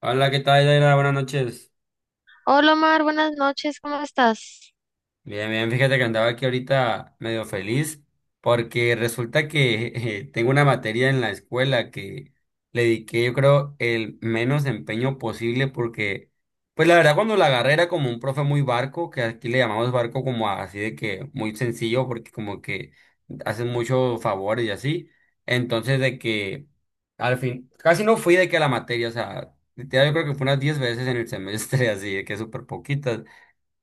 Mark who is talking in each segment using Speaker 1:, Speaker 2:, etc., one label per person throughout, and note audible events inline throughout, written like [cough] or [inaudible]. Speaker 1: Hola, ¿qué tal, Daira? Buenas noches.
Speaker 2: Hola Omar, buenas noches, ¿cómo estás?
Speaker 1: Bien, bien, fíjate que andaba aquí ahorita medio feliz porque resulta que [laughs] tengo una materia en la escuela que le dediqué yo creo el menos empeño posible porque pues la verdad cuando la agarré era como un profe muy barco, que aquí le llamamos barco como así de que muy sencillo porque como que hacen muchos favores y así. Entonces de que al fin casi no fui de que a la materia, o sea, literal yo creo que fue unas 10 veces en el semestre [laughs] así de que súper poquitas.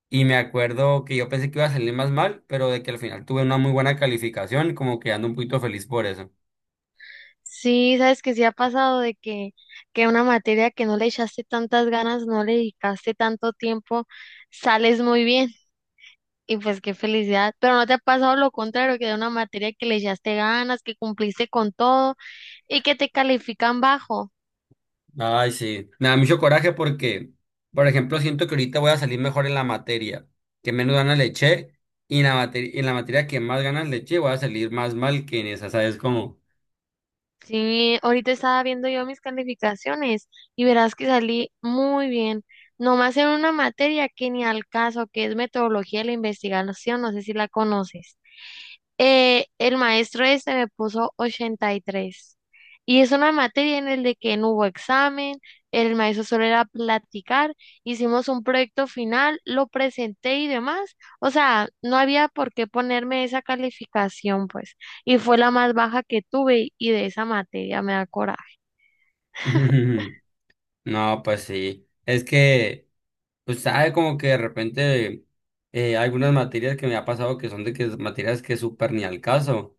Speaker 1: Y me acuerdo que yo pensé que iba a salir más mal, pero de que al final tuve una muy buena calificación, como que ando un poquito feliz por eso.
Speaker 2: Sí, sabes que sí ha pasado que una materia que no le echaste tantas ganas, no le dedicaste tanto tiempo, sales muy bien y pues qué felicidad, pero no te ha pasado lo contrario, que de una materia que le echaste ganas, que cumpliste con todo y que te califican bajo.
Speaker 1: Ay, sí. Me da mucho coraje porque, por ejemplo, siento que ahorita voy a salir mejor en la materia que menos ganas le eché y en la materia que más ganas le eché voy a salir más mal que en esa, ¿sabes cómo?
Speaker 2: Sí, ahorita estaba viendo yo mis calificaciones y verás que salí muy bien. Nomás en una materia que ni al caso, que es metodología de la investigación, no sé si la conoces. El maestro este me puso 83. Y tres. Y es una materia en el de que no hubo examen, el maestro solo era platicar, hicimos un proyecto final, lo presenté y demás. O sea, no había por qué ponerme esa calificación, pues. Y fue la más baja que tuve y de esa materia me da coraje.
Speaker 1: [laughs] No, pues sí. Es que, pues sabe como que de repente hay algunas materias que me ha pasado que son de que materias que súper ni al caso.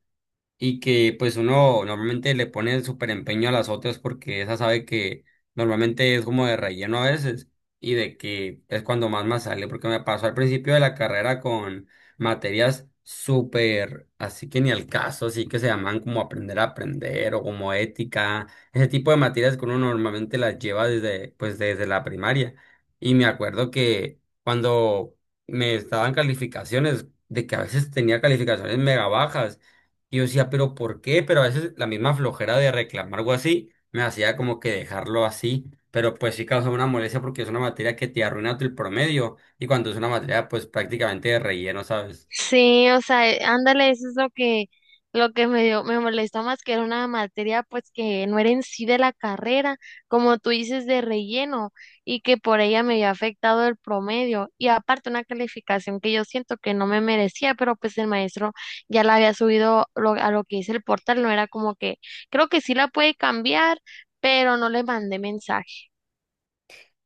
Speaker 1: Y que pues uno normalmente le pone súper empeño a las otras porque esa sabe que normalmente es como de relleno a veces y de que es cuando más sale porque me pasó al principio de la carrera con materias súper así que ni al caso, así que se llaman como aprender a aprender o como ética, ese tipo de materias que uno normalmente las lleva desde pues desde la primaria y me acuerdo que cuando me estaban calificaciones de que a veces tenía calificaciones mega bajas y yo decía, pero ¿por qué? Pero a veces la misma flojera de reclamar algo así me hacía como que dejarlo así. Pero pues sí causa una molestia porque es una materia que te arruina el promedio. Y cuando es una materia, pues prácticamente de relleno, ¿sabes?
Speaker 2: Sí, o sea, ándale, eso es lo que me dio, me molestó más que era una materia pues que no era en sí de la carrera, como tú dices, de relleno, y que por ella me había afectado el promedio, y aparte una calificación que yo siento que no me merecía, pero pues el maestro ya la había subido a lo que es el portal, no era como que, creo que sí la puede cambiar, pero no le mandé mensaje,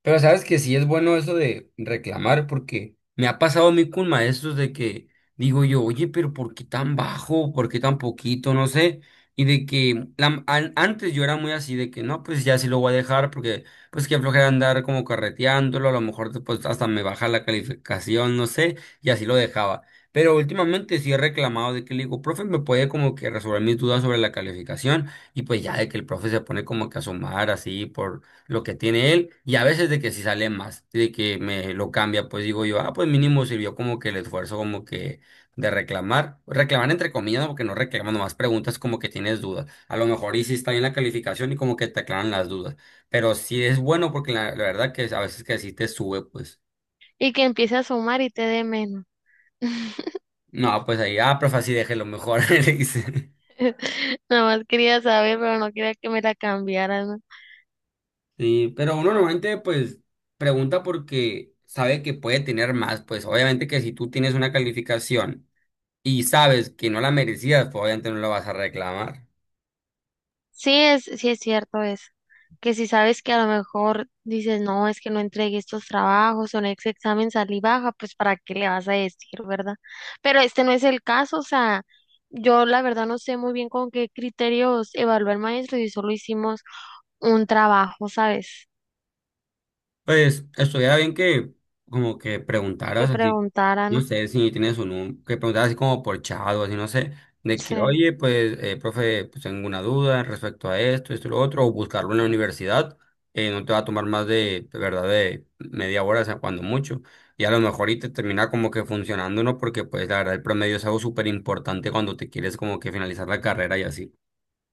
Speaker 1: Pero sabes que sí es bueno eso de reclamar, porque me ha pasado a mí con maestros de que digo yo, oye, pero ¿por qué tan bajo? ¿Por qué tan poquito? No sé. Y de que antes yo era muy así, de que no, pues ya sí lo voy a dejar, porque pues que flojera andar como carreteándolo, a lo mejor después hasta me baja la calificación, no sé, y así lo dejaba. Pero últimamente sí he reclamado de que le digo, profe, me puede como que resolver mis dudas sobre la calificación, y pues ya de que el profe se pone como que a sumar así por lo que tiene él y a veces de que si sale más, de que me lo cambia, pues digo yo, ah, pues mínimo sirvió como que el esfuerzo como que de reclamar, reclamar entre comillas, ¿no? Porque no reclamando más preguntas como que tienes dudas, a lo mejor y sí está bien la calificación y como que te aclaran las dudas, pero sí es bueno porque la verdad que a veces que así te sube, pues,
Speaker 2: y que empiece a sumar y te dé menos. [laughs]
Speaker 1: no, pues ahí, ah, profe, así déjelo mejor, [laughs] le dice.
Speaker 2: Nada más quería saber, pero no quería que me la cambiaran.
Speaker 1: Sí, pero uno normalmente pues pregunta porque sabe que puede tener más, pues obviamente que si tú tienes una calificación, y sabes que no la merecías, pues obviamente no la vas a reclamar.
Speaker 2: Sí es cierto eso, que si sabes que a lo mejor dices, no, es que no entregué estos trabajos o en ese examen salí baja, pues para qué le vas a decir, ¿verdad? Pero este no es el caso, o sea, yo la verdad no sé muy bien con qué criterios evaluó el maestro y solo hicimos un trabajo, ¿sabes?
Speaker 1: Pues estuviera bien que como que
Speaker 2: Que
Speaker 1: preguntaras así,
Speaker 2: preguntara,
Speaker 1: no
Speaker 2: ¿no?
Speaker 1: sé si tienes un número, que preguntaras así como por chat o así, no sé, de
Speaker 2: Sí,
Speaker 1: que, oye, pues, profe, pues tengo una duda respecto a esto, esto y lo otro, o buscarlo en la universidad, no te va a tomar más de verdad, de media hora, o sea, cuando mucho. Y a lo mejor y te termina como que funcionando, ¿no? Porque pues la verdad el promedio es algo súper importante cuando te quieres como que finalizar la carrera y así.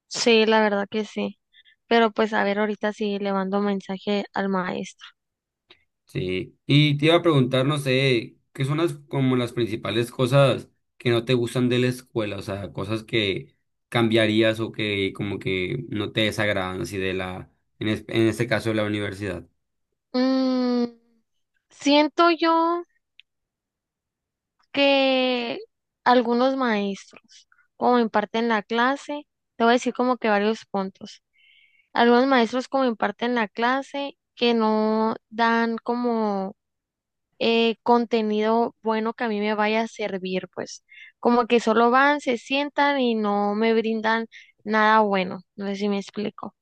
Speaker 2: sí, la verdad que sí. Pero pues a ver ahorita si le mando mensaje al maestro.
Speaker 1: Sí, y te iba a preguntar, no sé, ¿qué son las como las principales cosas que no te gustan de la escuela? O sea, cosas que cambiarías o que como que no te desagradan así de la, en, es- en este caso de la universidad.
Speaker 2: Mm, siento yo que algunos maestros, como imparten la clase, te voy a decir como que varios puntos. Algunos maestros como imparten la clase que no dan como contenido bueno que a mí me vaya a servir, pues como que solo van, se sientan y no me brindan nada bueno. No sé si me explico.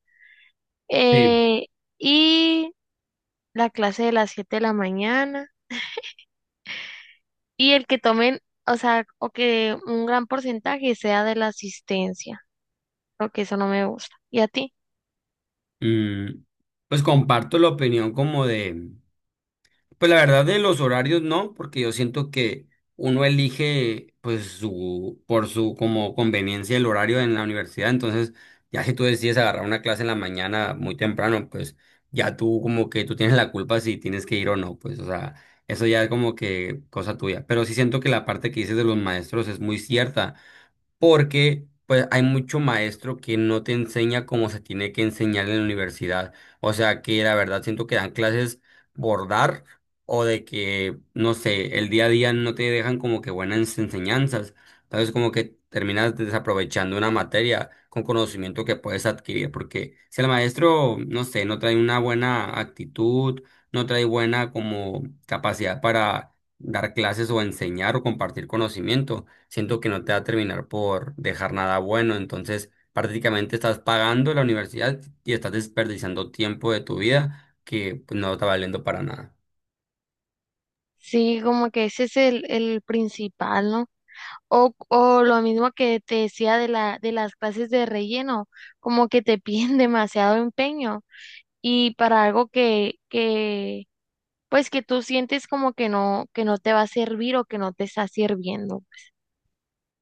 Speaker 1: Sí.
Speaker 2: Eh, y la clase de las 7 de la mañana, y el que tomen, o sea, o que un gran porcentaje sea de la asistencia, porque eso no me gusta. ¿Y a ti?
Speaker 1: Mm, pues comparto la opinión como de. Pues la verdad de los horarios no, porque yo siento que uno elige pues su por su como conveniencia el horario en la universidad, entonces ya si tú decides agarrar una clase en la mañana muy temprano, pues ya tú como que tú tienes la culpa si tienes que ir o no, pues o sea, eso ya es como que cosa tuya, pero sí siento que la parte que dices de los maestros es muy cierta porque pues hay mucho maestro que no te enseña como se tiene que enseñar en la universidad. O sea que la verdad siento que dan clases por dar o de que, no sé, el día a día no te dejan como que buenas enseñanzas. Entonces como que terminas desaprovechando una materia con conocimiento que puedes adquirir, porque si el maestro, no sé, no trae una buena actitud, no trae buena como capacidad para dar clases o enseñar o compartir conocimiento siento que no te va a terminar por dejar nada bueno. Entonces, prácticamente estás pagando.
Speaker 2: Sí, como que ese es el principal, ¿no? O lo mismo que te decía de de las clases de relleno, como que te piden [laughs] demasiado empeño y para algo que, pues que tú sientes como que no te va a servir o que no te está sirviendo.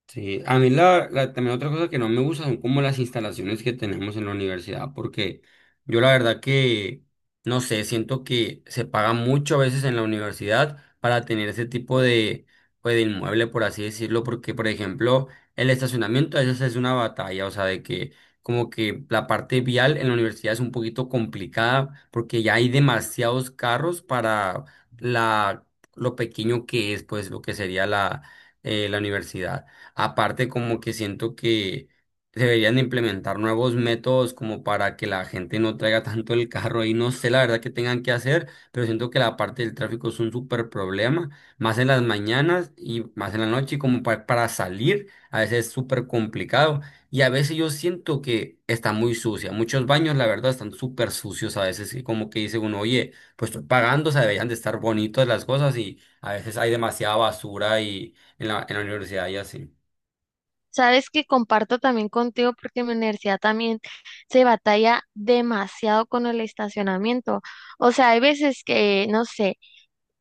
Speaker 1: Sí, a mí también otra cosa que no me gusta son como las instalaciones que tenemos en la universidad, porque yo la verdad que, no sé, siento que se paga mucho a veces en la universidad para tener ese tipo de, pues, de inmueble, por así decirlo, porque, por ejemplo, el estacionamiento a veces es una batalla, o sea, de que como que la parte vial en la universidad es un poquito complicada, porque ya hay demasiados carros para la, lo pequeño que es, pues, lo que sería la, la universidad. Aparte, como que siento que deberían de implementar nuevos métodos como para que la gente no traiga tanto el carro y no sé la verdad que tengan que hacer, pero siento que la parte del tráfico es un súper problema, más en las mañanas y más en la noche, y como para salir, a veces es súper complicado. Y a veces yo siento que está muy sucia. Muchos baños, la verdad, están súper sucios a veces. Y como que dice uno, oye, pues estoy pagando, o sea, deberían de estar bonitas las cosas y a veces hay demasiada basura y en la universidad y así.
Speaker 2: Sabes que comparto también contigo porque en mi universidad también se batalla demasiado con el estacionamiento. O sea, hay veces que, no sé,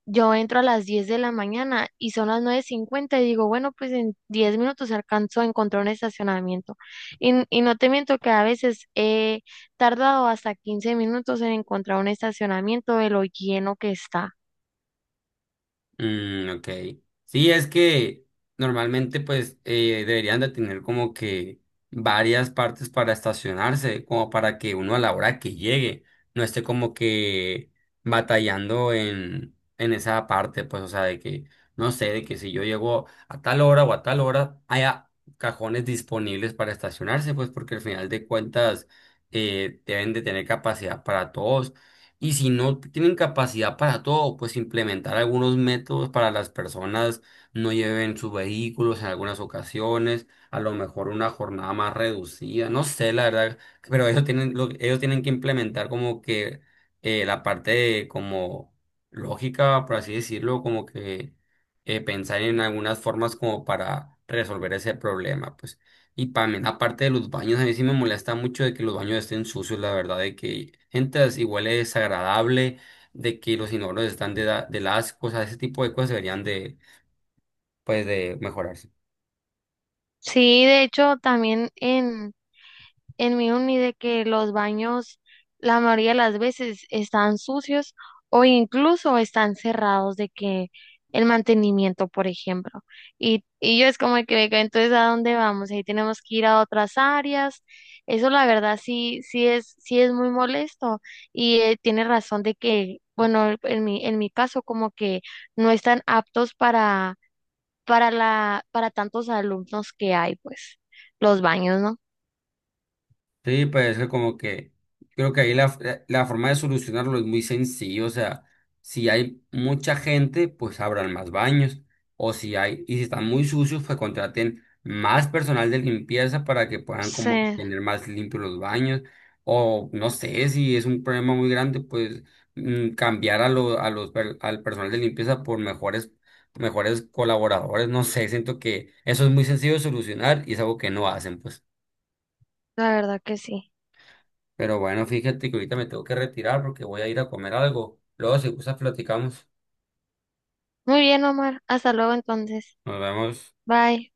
Speaker 2: yo entro a las 10 de la mañana y son las 9:50 y digo, bueno, pues en 10 minutos alcanzo a encontrar un estacionamiento. Y, y no te miento que a veces he tardado hasta 15 minutos en encontrar un estacionamiento de lo lleno que está.
Speaker 1: Mm, ok. Sí, es que normalmente pues deberían de tener como que varias partes para estacionarse, como para que uno a la hora que llegue no esté como que batallando en esa parte, pues o sea, de que, no sé, de que si yo llego a tal hora o a tal hora, haya cajones disponibles para estacionarse, pues porque al final de cuentas deben de tener capacidad para todos y si no tienen capacidad para todo, pues implementar algunos métodos para las personas no lleven sus vehículos en algunas ocasiones, a lo mejor una jornada más reducida, no sé, la verdad, pero ellos tienen que implementar como que la parte de como lógica, por así decirlo, como que pensar en algunas formas como para resolver ese problema, pues. Y también, aparte de los baños, a mí sí me molesta mucho de que los baños estén sucios, la verdad, de que entras y huele desagradable, de que los inodoros están de, de asco, o sea, ese tipo de cosas deberían de, pues, de mejorarse.
Speaker 2: Sí, de hecho, también en mi uni de que los baños la mayoría de las veces están sucios o incluso están cerrados de que el mantenimiento, por ejemplo. Y yo es como que, "Venga, entonces, ¿a dónde vamos?" Ahí tenemos que ir a otras áreas. Eso la verdad sí, sí es muy molesto y tiene razón de que, bueno, en en mi caso como que no están aptos para para tantos alumnos que hay, pues, los baños, ¿no?
Speaker 1: Sí, pues es que como que creo que ahí la forma de solucionarlo es muy sencillo, o sea, si hay mucha gente, pues abran más baños, o si hay, y si están muy sucios, pues contraten más personal de limpieza para que puedan como que
Speaker 2: Sí,
Speaker 1: tener más limpios los baños, o no sé, si es un problema muy grande, pues mm, cambiar a lo- a los, per- al personal de limpieza por mejores, mejores colaboradores, no sé, siento que eso es muy sencillo de solucionar y es algo que no hacen, pues.
Speaker 2: la verdad que sí.
Speaker 1: Pero bueno, fíjate que ahorita me tengo que retirar porque voy a ir a comer algo. Luego, si gustas, platicamos.
Speaker 2: Muy bien, Omar. Hasta luego entonces.
Speaker 1: Nos vemos.
Speaker 2: Bye.